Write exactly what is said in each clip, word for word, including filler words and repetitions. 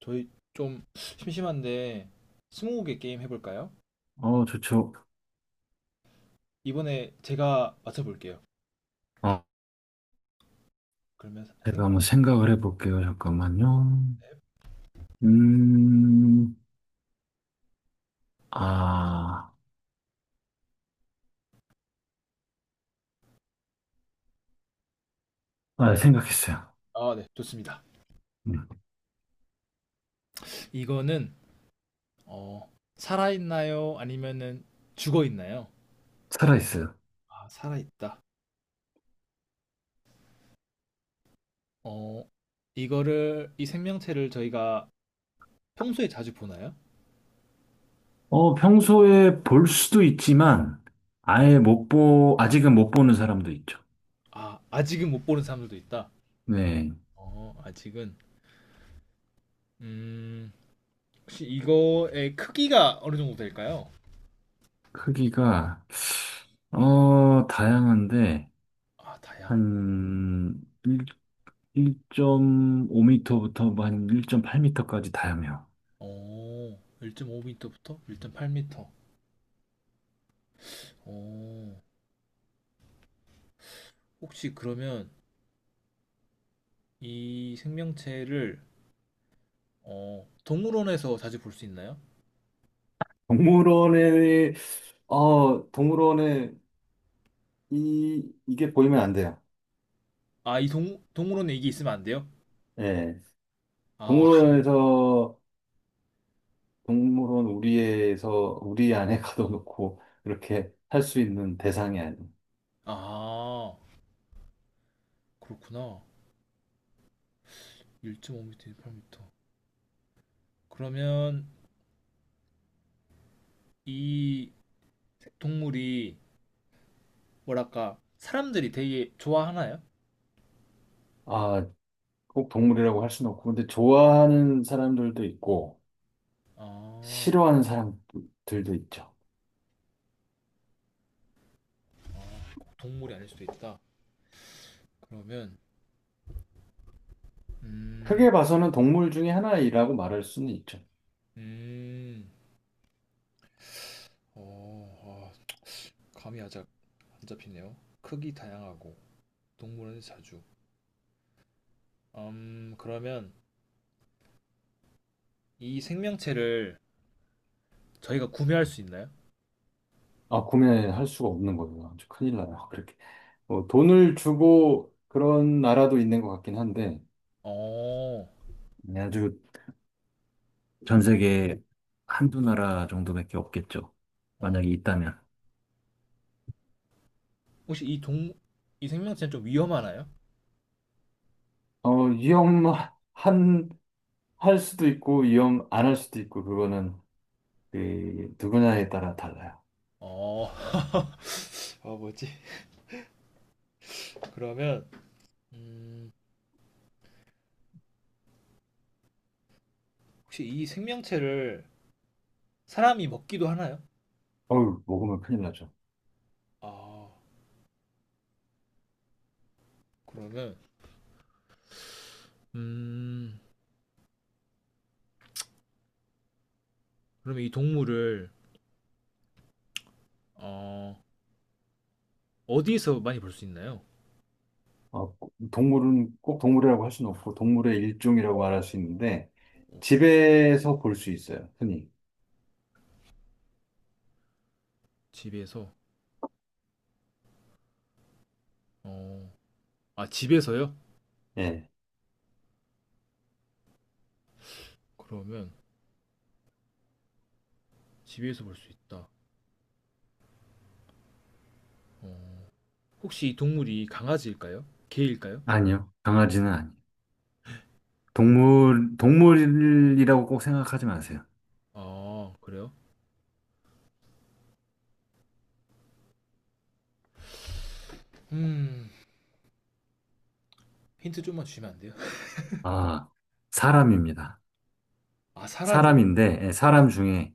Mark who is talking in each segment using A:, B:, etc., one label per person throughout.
A: 저희 좀 심심한데 스무고개 게임 해볼까요?
B: 어, 좋죠.
A: 이번에 제가 맞춰볼게요.
B: 어,
A: 그러면
B: 제가
A: 생각
B: 한번 생각을 해볼게요. 잠깐만요. 음, 아, 아, 생각했어요.
A: 아, 네, 좋습니다.
B: 음,
A: 이거는 어, 살아있나요? 아니면은 죽어있나요?
B: 살아있어요.
A: 아, 살아있다. 어, 이거를 이 생명체를 저희가 평소에 자주 보나요?
B: 어, 평소에 볼 수도 있지만, 아예 못 보, 아직은 못 보는 사람도 있죠.
A: 아, 아직은 못 보는 사람들도 있다.
B: 네.
A: 어, 아직은 음, 혹시 이거의 크기가 어느 정도 될까요?
B: 크기가, 어, 다양한데,
A: 아, 다양.
B: 한 일, 오5 m 부터 한 일 점 팔 미터까지 다양해요.
A: 오, 일 점 오 미터부터 일 점 팔 미터. 어, 혹시 그러면 이 생명체를 어, 동물원에서 자주 볼 수 있나요?
B: 동물원에, 어, 동물원에 이, 이게 보이면 안 돼요.
A: 아, 이 동, 동물원에 이게 있으면 안 돼요?
B: 예.
A: 아,
B: 동물원에서, 동물원 우리에서, 우리 안에 가둬놓고, 이렇게 할 수 있는 대상이 아니에요.
A: 아, 그렇구나. 일 점 오 미터, 일 점 팔 미터. 그러면 이 동물이 뭐랄까 사람들이 되게 좋아하나요?
B: 아, 꼭 동물이라고 할 수는 없고, 근데 좋아하는 사람들도 있고,
A: 아,
B: 싫어하는 사람들도 있죠.
A: 아, 꼭 동물이 아닐 수도 있다. 그러면 음,
B: 크게 봐서는 동물 중에 하나이라고 말할 수는 있죠.
A: 음, 어, 아, 감이 아작 안 잡히네요. 크기 다양하고 동물원에 자주. 음, 그러면 이 생명체를 저희가 구매할 수 있나요?
B: 아, 구매할 수가 없는 거예요. 아주 큰일 나요. 그렇게. 뭐 돈을 주고 그런 나라도 있는 것 같긴 한데,
A: 어,
B: 네, 아주 전 세계에 한두 나라 정도밖에 없겠죠.
A: 어.
B: 만약에 있다면.
A: 혹시 이 동, 이 생명체는 좀 위험하나요?
B: 어, 위험한, 할 수도 있고, 위험 안 할 수도 있고, 그거는 그 누구냐에 따라 달라요.
A: 어, 아, 뭐지? 그러면, 음, 혹시 이 생명체를 사람이 먹기도 하나요?
B: 어우, 먹으면 큰일 나죠.
A: 아, 그러면, 음, 그러면 이 동물을, 어, 어디에서 많이 볼 수 있나요?
B: 어, 동물은 꼭 동물이라고 할 수는 없고, 동물의 일종이라고 말할 수 있는데, 집에서 볼 수 있어요, 흔히.
A: 집에서, 어, 아, 집에서요?
B: 예.
A: 그러면 집에서 볼 수 있다. 어, 혹시 이 동물이 강아지일까요? 개일까요?
B: 아니요. 강아지는 아니에요. 동물, 동물이라고 꼭 생각하지 마세요.
A: 아, 그래요? 음, 힌트 좀만 주시면 안 돼요?
B: 아, 사람입니다.
A: 아, 사람이,
B: 사람인데, 예, 사람 중에.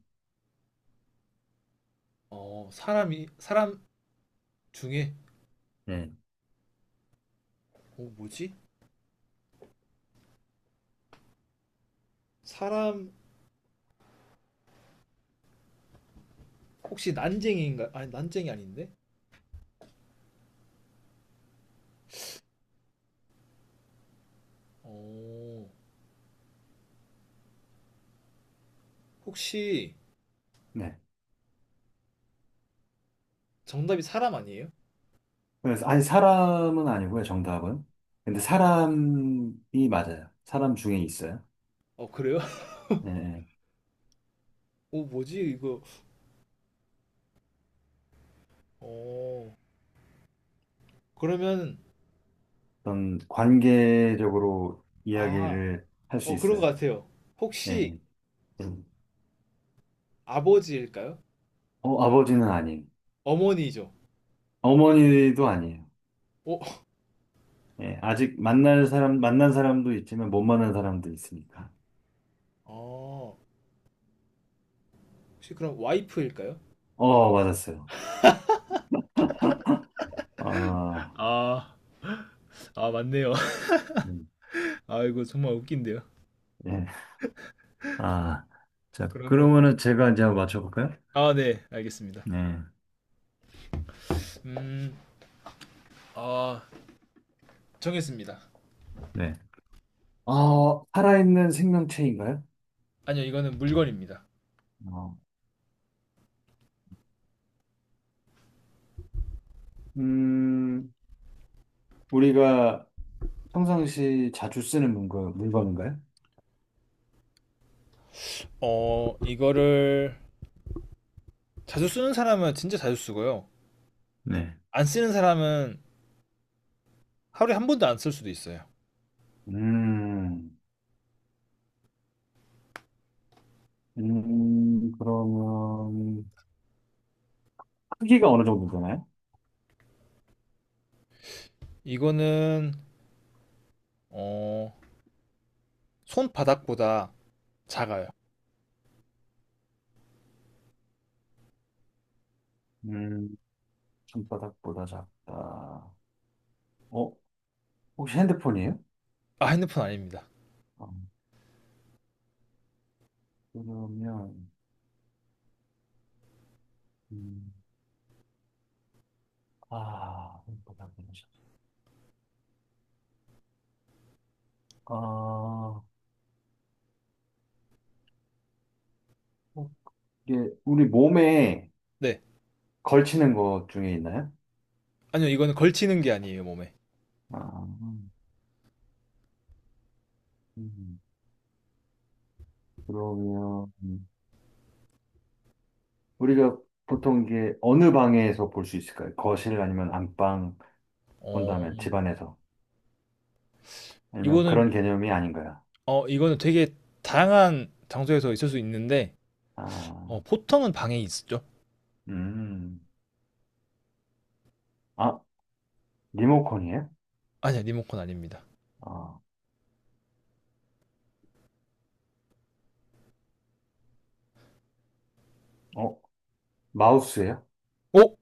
A: 어, 사람이, 사람 중에,
B: 네.
A: 어, 뭐지? 사람, 혹시 난쟁이인가? 아니, 난쟁이 아닌데? 어, 혹시
B: 네.
A: 정답이 사람 아니에요?
B: 그래서, 아니, 사람은 아니고요, 정답은. 근데
A: 아,
B: 사람이 맞아요. 사람 중에 있어요.
A: 어, 그래요?
B: 예, 예.
A: 어, 뭐지? 이거, 어, 그러면,
B: 어떤 관계적으로
A: 아,
B: 이야기를 할 수
A: 어, 그런 것
B: 있어요.
A: 같아요. 혹시
B: 예. 예.
A: 아버지일까요?
B: 어, 아버지는 아니에요.
A: 어머니죠?
B: 어머니도 아니에요.
A: 어,
B: 예, 아직 만날 사람, 만난 사람도 있지만 못 만난 사람도 있으니까.
A: 아, 혹시 그럼 와이프일까요?
B: 어, 맞았어요. 아,
A: 아, 아, 맞네요.
B: 음.
A: 아, 이거 정말 웃긴데요.
B: 예. 아, 자,
A: 그러면
B: 그러면은 제가 이제 한번 맞춰볼까요?
A: 아, 네, 알겠습니다.
B: 네.
A: 음, 아, 정했습니다.
B: 네. 아, 살아있는 생명체인가요?
A: 아니요, 이거는 물건입니다.
B: 어. 음, 우리가 평상시 자주 쓰는 물건, 물건인가요?
A: 어, 이거를 자주 쓰는 사람은 진짜 자주 쓰고요.
B: 네.
A: 안 쓰는 사람은 하루에 한 번도 안 쓸 수도 있어요.
B: 음, 음, 그러면 크기가 어느 정도 되나요?
A: 이거는 어, 손바닥보다 작아요.
B: 음, 손바닥보다 작다. 어, 혹시 핸드폰이에요?
A: 아, 핸드폰 아닙니다.
B: 어, 그러면, 음, 아, 손바닥보다 작다. 아, 어, 이게 우리 몸에
A: 네,
B: 걸치는 것 중에 있나요?
A: 아니요, 이거는 걸치는 게 아니에요, 몸에.
B: 아, 음, 그러면 우리가 보통 이게 어느 방에서 볼 수 있을까요? 거실 아니면 안방
A: 어,
B: 본다면 집안에서 아니면
A: 이거는
B: 그런 개념이 아닌 거야.
A: 어, 이거는 되게 다양한 장소에서 있을 수 있는데
B: 아,
A: 어, 보통은 방에 있죠.
B: 음, 아 리모컨이에요?
A: 아니요, 리모컨 아닙니다.
B: 아, 어, 마우스예요?
A: 오,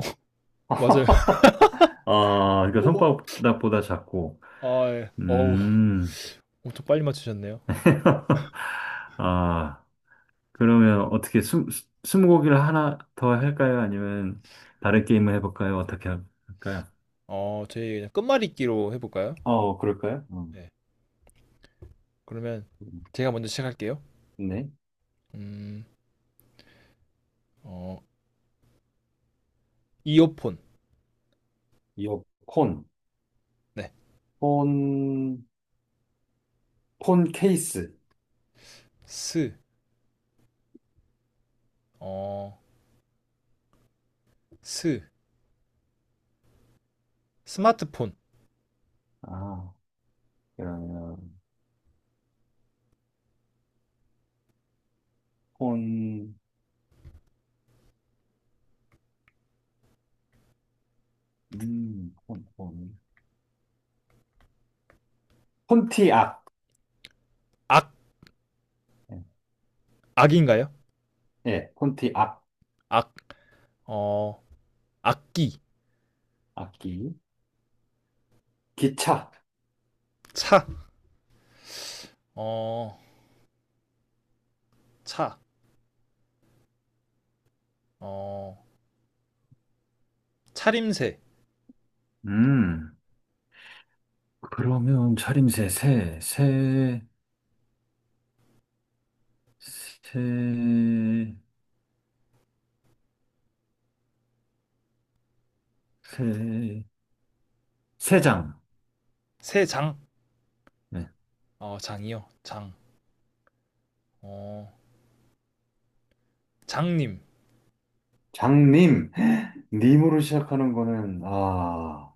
A: 맞아요.
B: 아, 그러니까
A: 오,
B: 손바닥보다 작고,
A: 아, 예. 어우,
B: 음,
A: 엄청 빨리 맞추셨네요.
B: 아, 그러면 어떻게 숨, 스무고기를 하나 더 할까요? 아니면 다른 게임을 해볼까요? 어떻게 할까요?
A: 어, 저희 그냥 끝말잇기로 해볼까요?
B: 어, 그럴까요?
A: 네. 그러면
B: 음.
A: 제가 먼저 시작할게요.
B: 네.
A: 음, 어, 이어폰.
B: 이어폰, 폰,
A: 네.
B: 폰 폰 케이스.
A: 스, 어, 스, 스마트폰.
B: 아, 그러면, 폰, 음, 폰, 폰. 폰티악.
A: 악,
B: 예,
A: 악인가요?
B: 예, 폰티악.
A: 악, 어, 악기.
B: 악기. 기차.
A: 차, 어, 차, 어, 차림새.
B: 음, 그러면 차림새, 새, 새, 새, 새, 새장.
A: 새 장,
B: 네.
A: 어, 장이요. 장, 어, 장님.
B: 장님. 님으로 시작하는 거는, 아,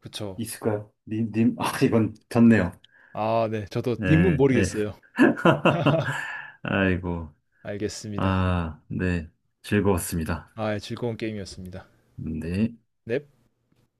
A: 그쵸.
B: 있을까요? 님, 님. 아, 이건 졌네요.
A: 아, 네. 저도 님은
B: 네, 네.
A: 모르겠어요.
B: 아이고,
A: 알겠습니다.
B: 아, 네. 즐거웠습니다.
A: 아, 예, 즐거운 게임이었습니다.
B: 네.
A: 넵.